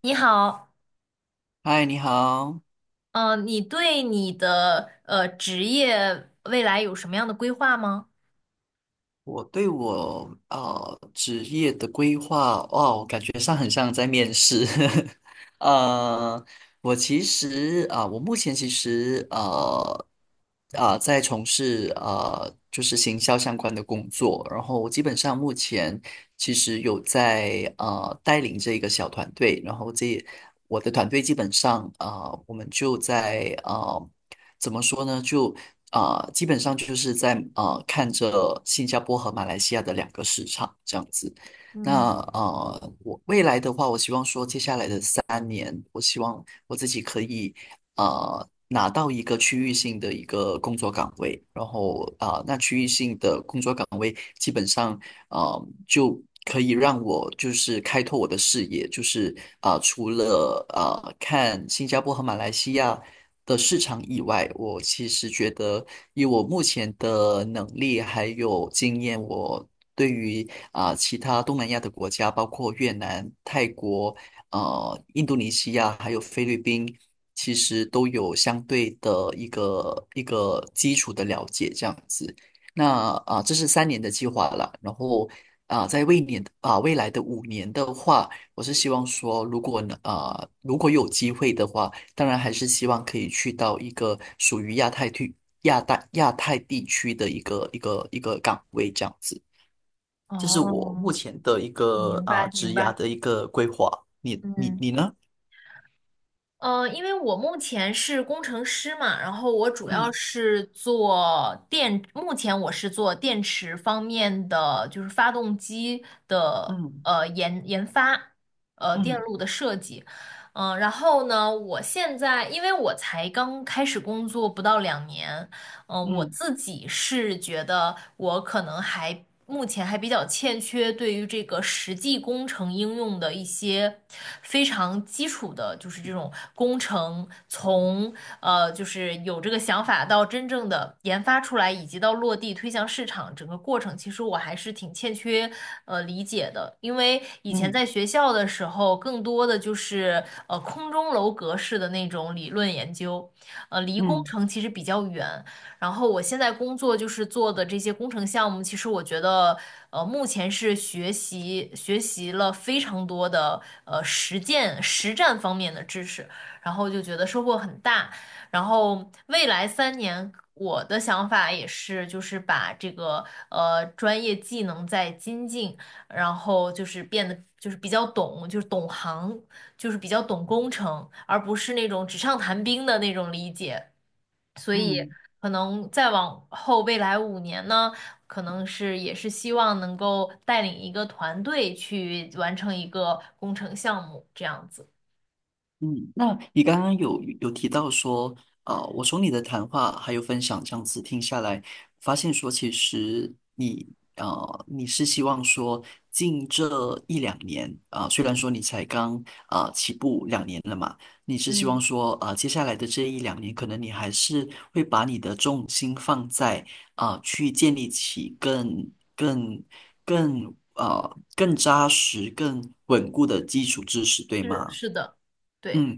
你好。嗨，你好。你对你的职业未来有什么样的规划吗？我对我职业的规划，哦，感觉上很像在面试。呃，我其实我目前其实在从事就是行销相关的工作，然后我基本上目前其实有在带领这一个小团队，然后我的团队基本上我们就在呃怎么说呢？就啊、基本上就是在看着新加坡和马来西亚的两个市场这样子。那嗯。我未来的话，我希望说接下来的三年，我希望我自己可以拿到一个区域性的一个工作岗位，然后那区域性的工作岗位基本上啊就可以让我就是开拓我的视野，就是除了看新加坡和马来西亚的市场以外，我其实觉得以我目前的能力还有经验，我对于其他东南亚的国家，包括越南、泰国、印度尼西亚还有菲律宾，其实都有相对的一个基础的了解，这样子。那这是三年的计划了。然后啊、在未年啊、未来的五年的话，我是希望说，如果如果有机会的话，当然还是希望可以去到一个属于亚太地区的一个岗位这样子。这是我目哦。前的一个明白职明涯白。的一个规划。你你嗯，你呢？因为我目前是工程师嘛，然后我主嗯要是做电，目前我是做电池方面的，就是发动机的嗯研发，电嗯路的设计，然后呢，我现在因为我才刚开始工作不到2年，我嗯自己是觉得我可能目前还比较欠缺对于这个实际工程应用的一些非常基础的，就是这种工程从就是有这个想法到真正的研发出来，以及到落地推向市场整个过程，其实我还是挺欠缺理解的，因为以嗯前嗯在学校的时候，更多的就是空中楼阁式的那种理论研究，离工嗯。程其实比较远。然后我现在工作就是做的这些工程项目，其实我觉得，目前是学习学习了非常多的实践实战方面的知识，然后就觉得收获很大。然后未来3年，我的想法也是，就是把这个专业技能再精进，然后就是变得就是比较懂，就是懂行，就是比较懂工程，而不是那种纸上谈兵的那种理解。嗯可能再往后未来5年呢，可能是也是希望能够带领一个团队去完成一个工程项目，这样子。嗯，那你刚刚有提到说，我从你的谈话还有分享这样子听下来，发现说其实你你是希望说近这一两年虽然说你才刚起步两年了嘛，你是希望嗯，说接下来的这一两年，可能你还是会把你的重心放在去建立起更扎实、更稳固的基础知识，对是吗？是的，对，嗯，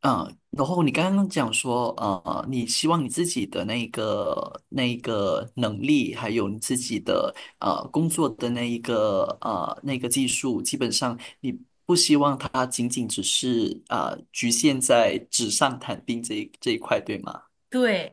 然后你刚刚讲说，你希望你自己的那个那一个能力，还有你自己的工作的那一个那个技术，基本上你不希望它仅仅只是局限在纸上谈兵这一块，对吗？对，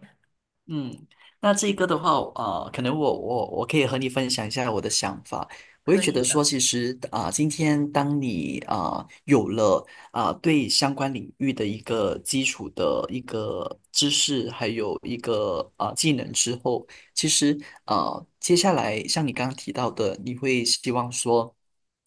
嗯，那这个的话，可能我可以和你分享一下我的想法。我也可觉以得的，说，其实今天当你有了对相关领域的一个基础的一个知识，还有一个技能之后，其实接下来像你刚刚提到的，你会希望说，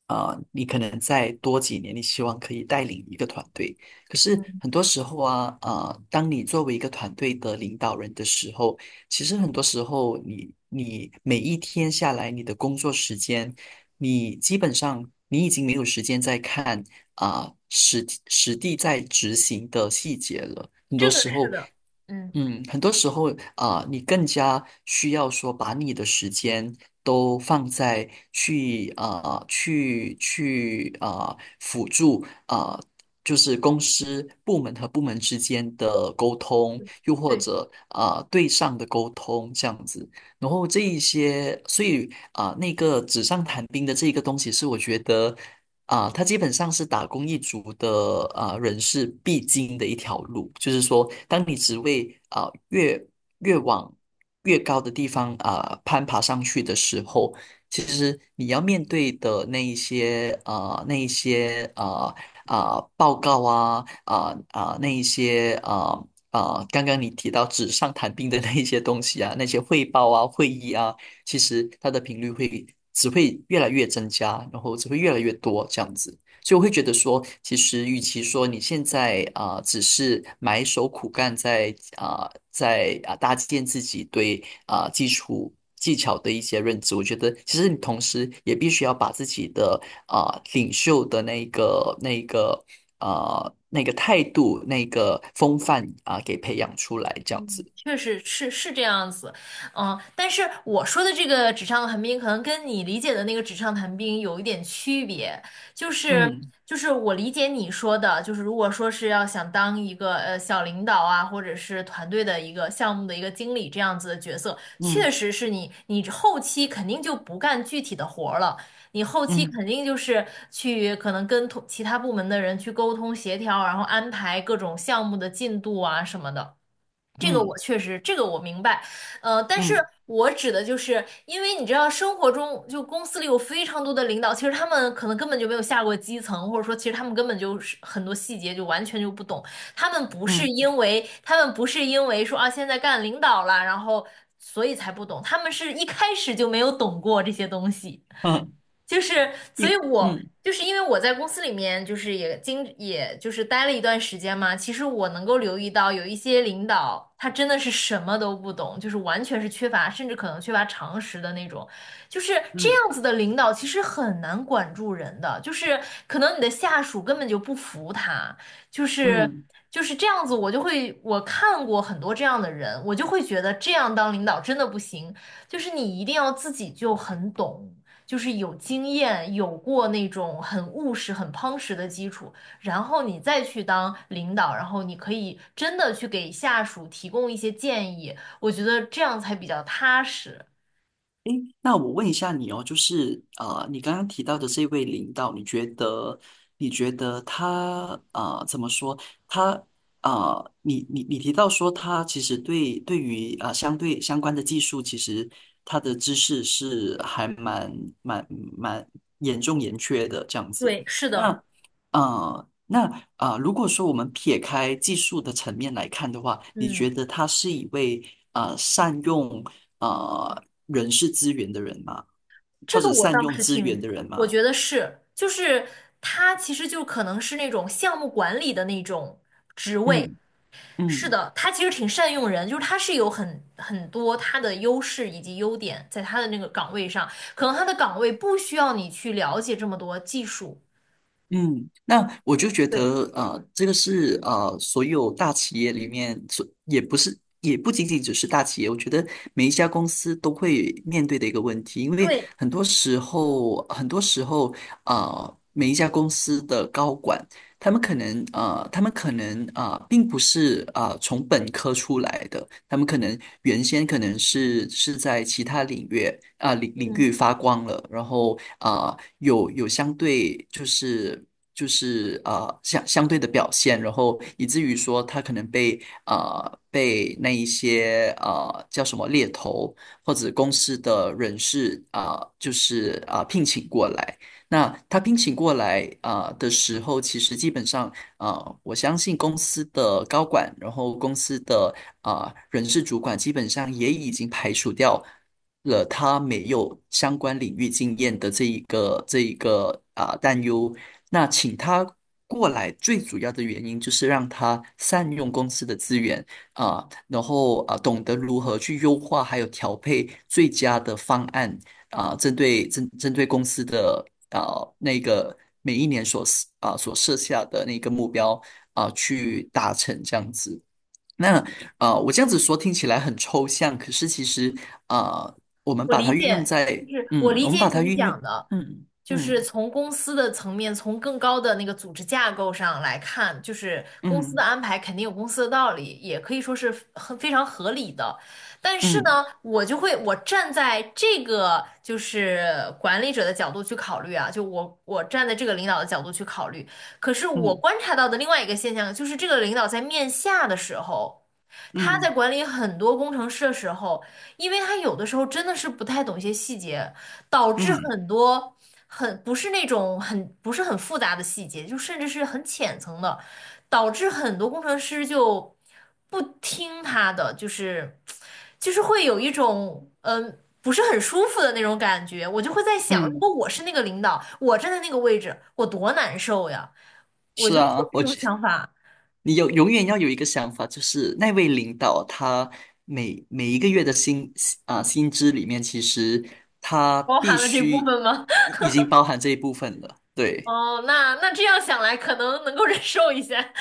你可能再多几年，你希望可以带领一个团队。可是嗯，很多时候当你作为一个团队的领导人的时候，其实很多时候你每一天下来，你的工作时间，你基本上你已经没有时间再看实实地在执行的细节了。很多这个时是候，的，嗯。嗯，很多时候你更加需要说把你的时间都放在去辅助就是公司部门和部门之间的沟通，又或对。者对上的沟通这样子。然后这一些，所以那个纸上谈兵的这一个东西是我觉得。它基本上是打工一族的人士必经的一条路，就是说，当你职位越往越高的地方攀爬上去的时候，其实你要面对的那一些啊那一些啊啊报告啊啊啊那一些啊啊刚刚你提到纸上谈兵的那一些东西啊，那些汇报啊会议啊。其实它的频率只会越来越增加，然后只会越来越多这样子。所以我会觉得说，其实与其说你现在只是埋首苦干在，搭建自己对基础技巧的一些认知，我觉得其实你同时也必须要把自己的领袖的那个态度那个风范给培养出来，这样子。确实是这样子，嗯，但是我说的这个纸上谈兵，可能跟你理解的那个纸上谈兵有一点区别，就是嗯就是我理解你说的，就是如果说是要想当一个小领导啊，或者是团队的一个项目的一个经理这样子的角色，确嗯实是你后期肯定就不干具体的活儿了。你后期嗯肯定就是去可能跟同其他部门的人去沟通协调，然后安排各种项目的进度啊什么的。这个嗯我确实，这个我明白，但是嗯我指的就是，因为你知道，生活中就公司里有非常多的领导，其实他们可能根本就没有下过基层，或者说，其实他们根本就是很多细节就完全就不懂。嗯。他们不是因为说啊，现在干领导了，然后所以才不懂，他们是一开始就没有懂过这些东西。嗯，就是，所以因我嗯就是因为我在公司里面，就是也就是待了一段时间嘛。其实我能够留意到，有一些领导他真的是什么都不懂，就是完全是缺乏，甚至可能缺乏常识的那种。就是这嗯样子的领导，其实很难管住人的。就是可能你的下属根本就不服他，就是嗯，就是这样子。我就会我看过很多这样的人，我就会觉得这样当领导真的不行，就是你一定要自己就很懂。就是有经验，有过那种很务实、很夯实的基础，然后你再去当领导，然后你可以真的去给下属提供一些建议，我觉得这样才比较踏实。诶，那我问一下你哦，就是你刚刚提到的这位领导，你觉得他怎么说？他你你你提到说他其实对于相关的技术，其实他的知识是还蛮蛮严缺的这样子。对，是的，那啊，那啊、如果说我们撇开技术的层面来看的话，你嗯，觉得他是一位善用？人事资源的人嘛，这或个者我倒善用是资挺，源的人我嘛。觉得是，就是他其实就可能是那种项目管理的那种。嗯，是嗯的，他其实挺善用人，就是他是有很多他的优势以及优点在他的那个岗位上，可能他的岗位不需要你去了解这么多技术。嗯，那我就觉对，得，这个是所有大企业里面，所也不是，也不仅仅只是大企业，我觉得每一家公司都会面对的一个问题，因为对，很多时候，很多时候，每一家公司的高管他们可能并不是从本科出来的，他们可能原先可能是在其他领域领嗯。域发光了，然后啊、有有相对就是相对的表现，然后以至于说他可能被啊、被那一些叫什么猎头或者公司的人士聘请过来。那他聘请过来的时候，其实基本上我相信公司的高管，然后公司的人事主管，基本上也已经排除掉了他没有相关领域经验的这一个担忧。那请他过来，最主要的原因就是让他善用公司的资源然后懂得如何去优化，还有调配最佳的方案。针对公司的啊、那个每一年所所设下的那个目标去达成这样子。那我这样子说听起来很抽象，可是其实啊、我们我把理它运用解，就在是我嗯，理我们解把它你运用讲的，嗯就是嗯从公司的层面，从更高的那个组织架构上来看，就是公司的嗯安排肯定有公司的道理，也可以说是很非常合理的。但是嗯呢，我就会我站在这个就是管理者的角度去考虑啊，就我站在这个领导的角度去考虑，可是我嗯观察到的另外一个现象就是，这个领导在面下的时候。他在嗯管理很多工程师的时候，因为他有的时候真的是不太懂一些细节，导致嗯很多很不是很复杂的细节，就甚至是很浅层的，导致很多工程师就不听他的，就是会有一种不是很舒服的那种感觉。我就会在想，如嗯。果我是那个领导，我站在那个位置，我多难受呀！我是就有啊，这我种想法，你有永远要有一个想法，就是那位领导他每一个月的薪资里面，其实他包必含了这部须分吗？已经包含这一部分了。对，哦，那这样想来，可能能够忍受一下。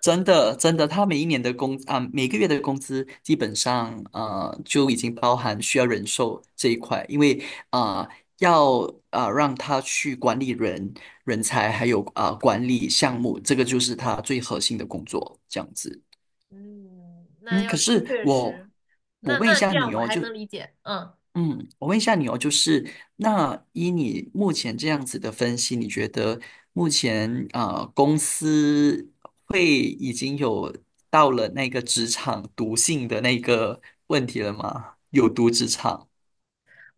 真的真的，他每个月的工资基本上就已经包含需要人寿这一块，因为啊、呃要啊、呃让他去管理人才还有管理项目，这个就是他最核心的工作，这样子。嗯，那嗯，要可是是确实，我我那问一那这下你样我哦，还就能理解，嗯。嗯，我问一下你哦，就是那依你目前这样子的分析，你觉得目前公司已经有到了那个职场毒性的那个问题了吗？有毒职场？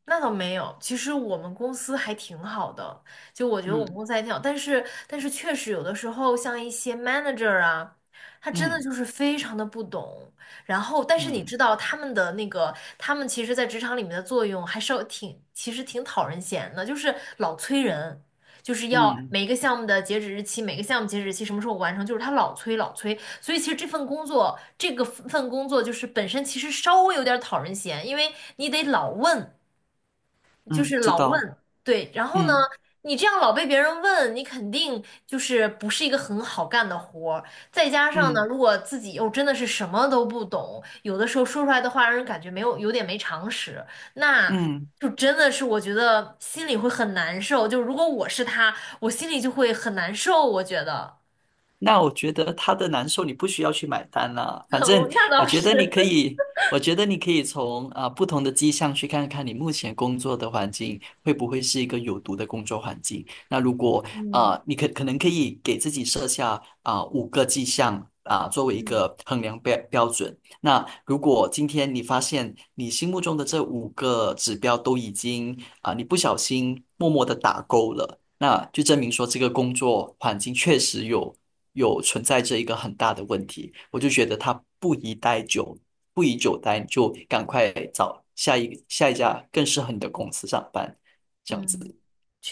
那倒没有，其实我们公司还挺好的，就我觉得我嗯们公司还挺好，但是确实有的时候像一些 manager 啊，他真的嗯就是非常的不懂，然后但是你嗯知道他们的那个，他们其实在职场里面的作用还是挺，其实挺讨人嫌的，就是老催人，就是要嗯每个项目的截止日期，每个项目截止日期什么时候完成，就是他老催老催，所以其实这份工作，这个份工作就是本身其实稍微有点讨人嫌，因为你得老问。就嗯，是知老道。问，对，然后呢，嗯你这样老被别人问，你肯定就是不是一个很好干的活儿。再加上呢，嗯如果自己又真的是什么都不懂，有的时候说出来的话让人感觉没有有点没常识，那嗯。就真的是我觉得心里会很难受。就如果我是他，我心里就会很难受。我觉得，那我觉得他的难受你不需要去买单啦，反我正那我倒觉是，得你可 以，我觉得你可以从不同的迹象去看看你目前工作的环境会不会是一个有毒的工作环境。那如果嗯你可能可以给自己设下五个迹象作为一嗯个衡量标准。那如果今天你发现你心目中的这五个指标都已经你不小心默默的打勾了。那就证明说这个工作环境确实有存在着一个很大的问题，我就觉得它不宜待久，不宜久待，你就赶快找下一家更适合你的公司上班，这样嗯，子，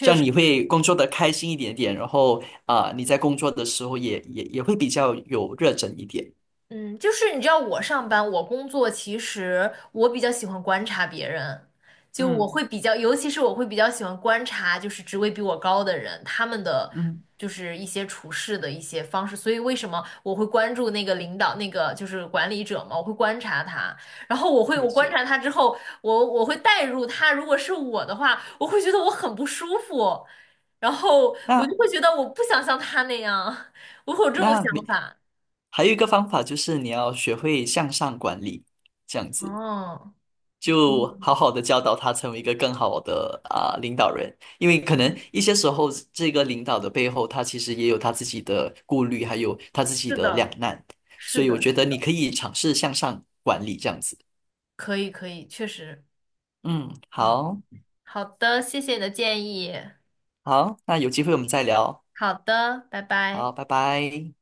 这样你实。会工作的开心一点点，然后你在工作的时候也会比较有热忱一点。嗯，就是你知道我上班，我工作，其实我比较喜欢观察别人，就我嗯，会比较，尤其是我会比较喜欢观察，就是职位比我高的人，他们的嗯，就是一些处事的一些方式。所以为什么我会关注那个领导，那个就是管理者嘛，我会观察他，然后我会理我观解。察他之后，我会带入他，如果是我的话，我会觉得我很不舒服，然后我就那会觉得我不想像他那样，我会有这种那想没法。还有一个方法就是你要学会向上管理，这样子。哦。就嗯，好好的教导他成为一个更好的领导人，因为可能一些时候这个领导的背后，他其实也有他自己的顾虑，还有他自己是的的，两难，是所以我的，觉是得你的，可以尝试向上管理这样子。可以，可以，确实，嗯，嗯，好，好的，谢谢你的建议，好，那有机会我们再聊。好的，拜好，拜。拜拜。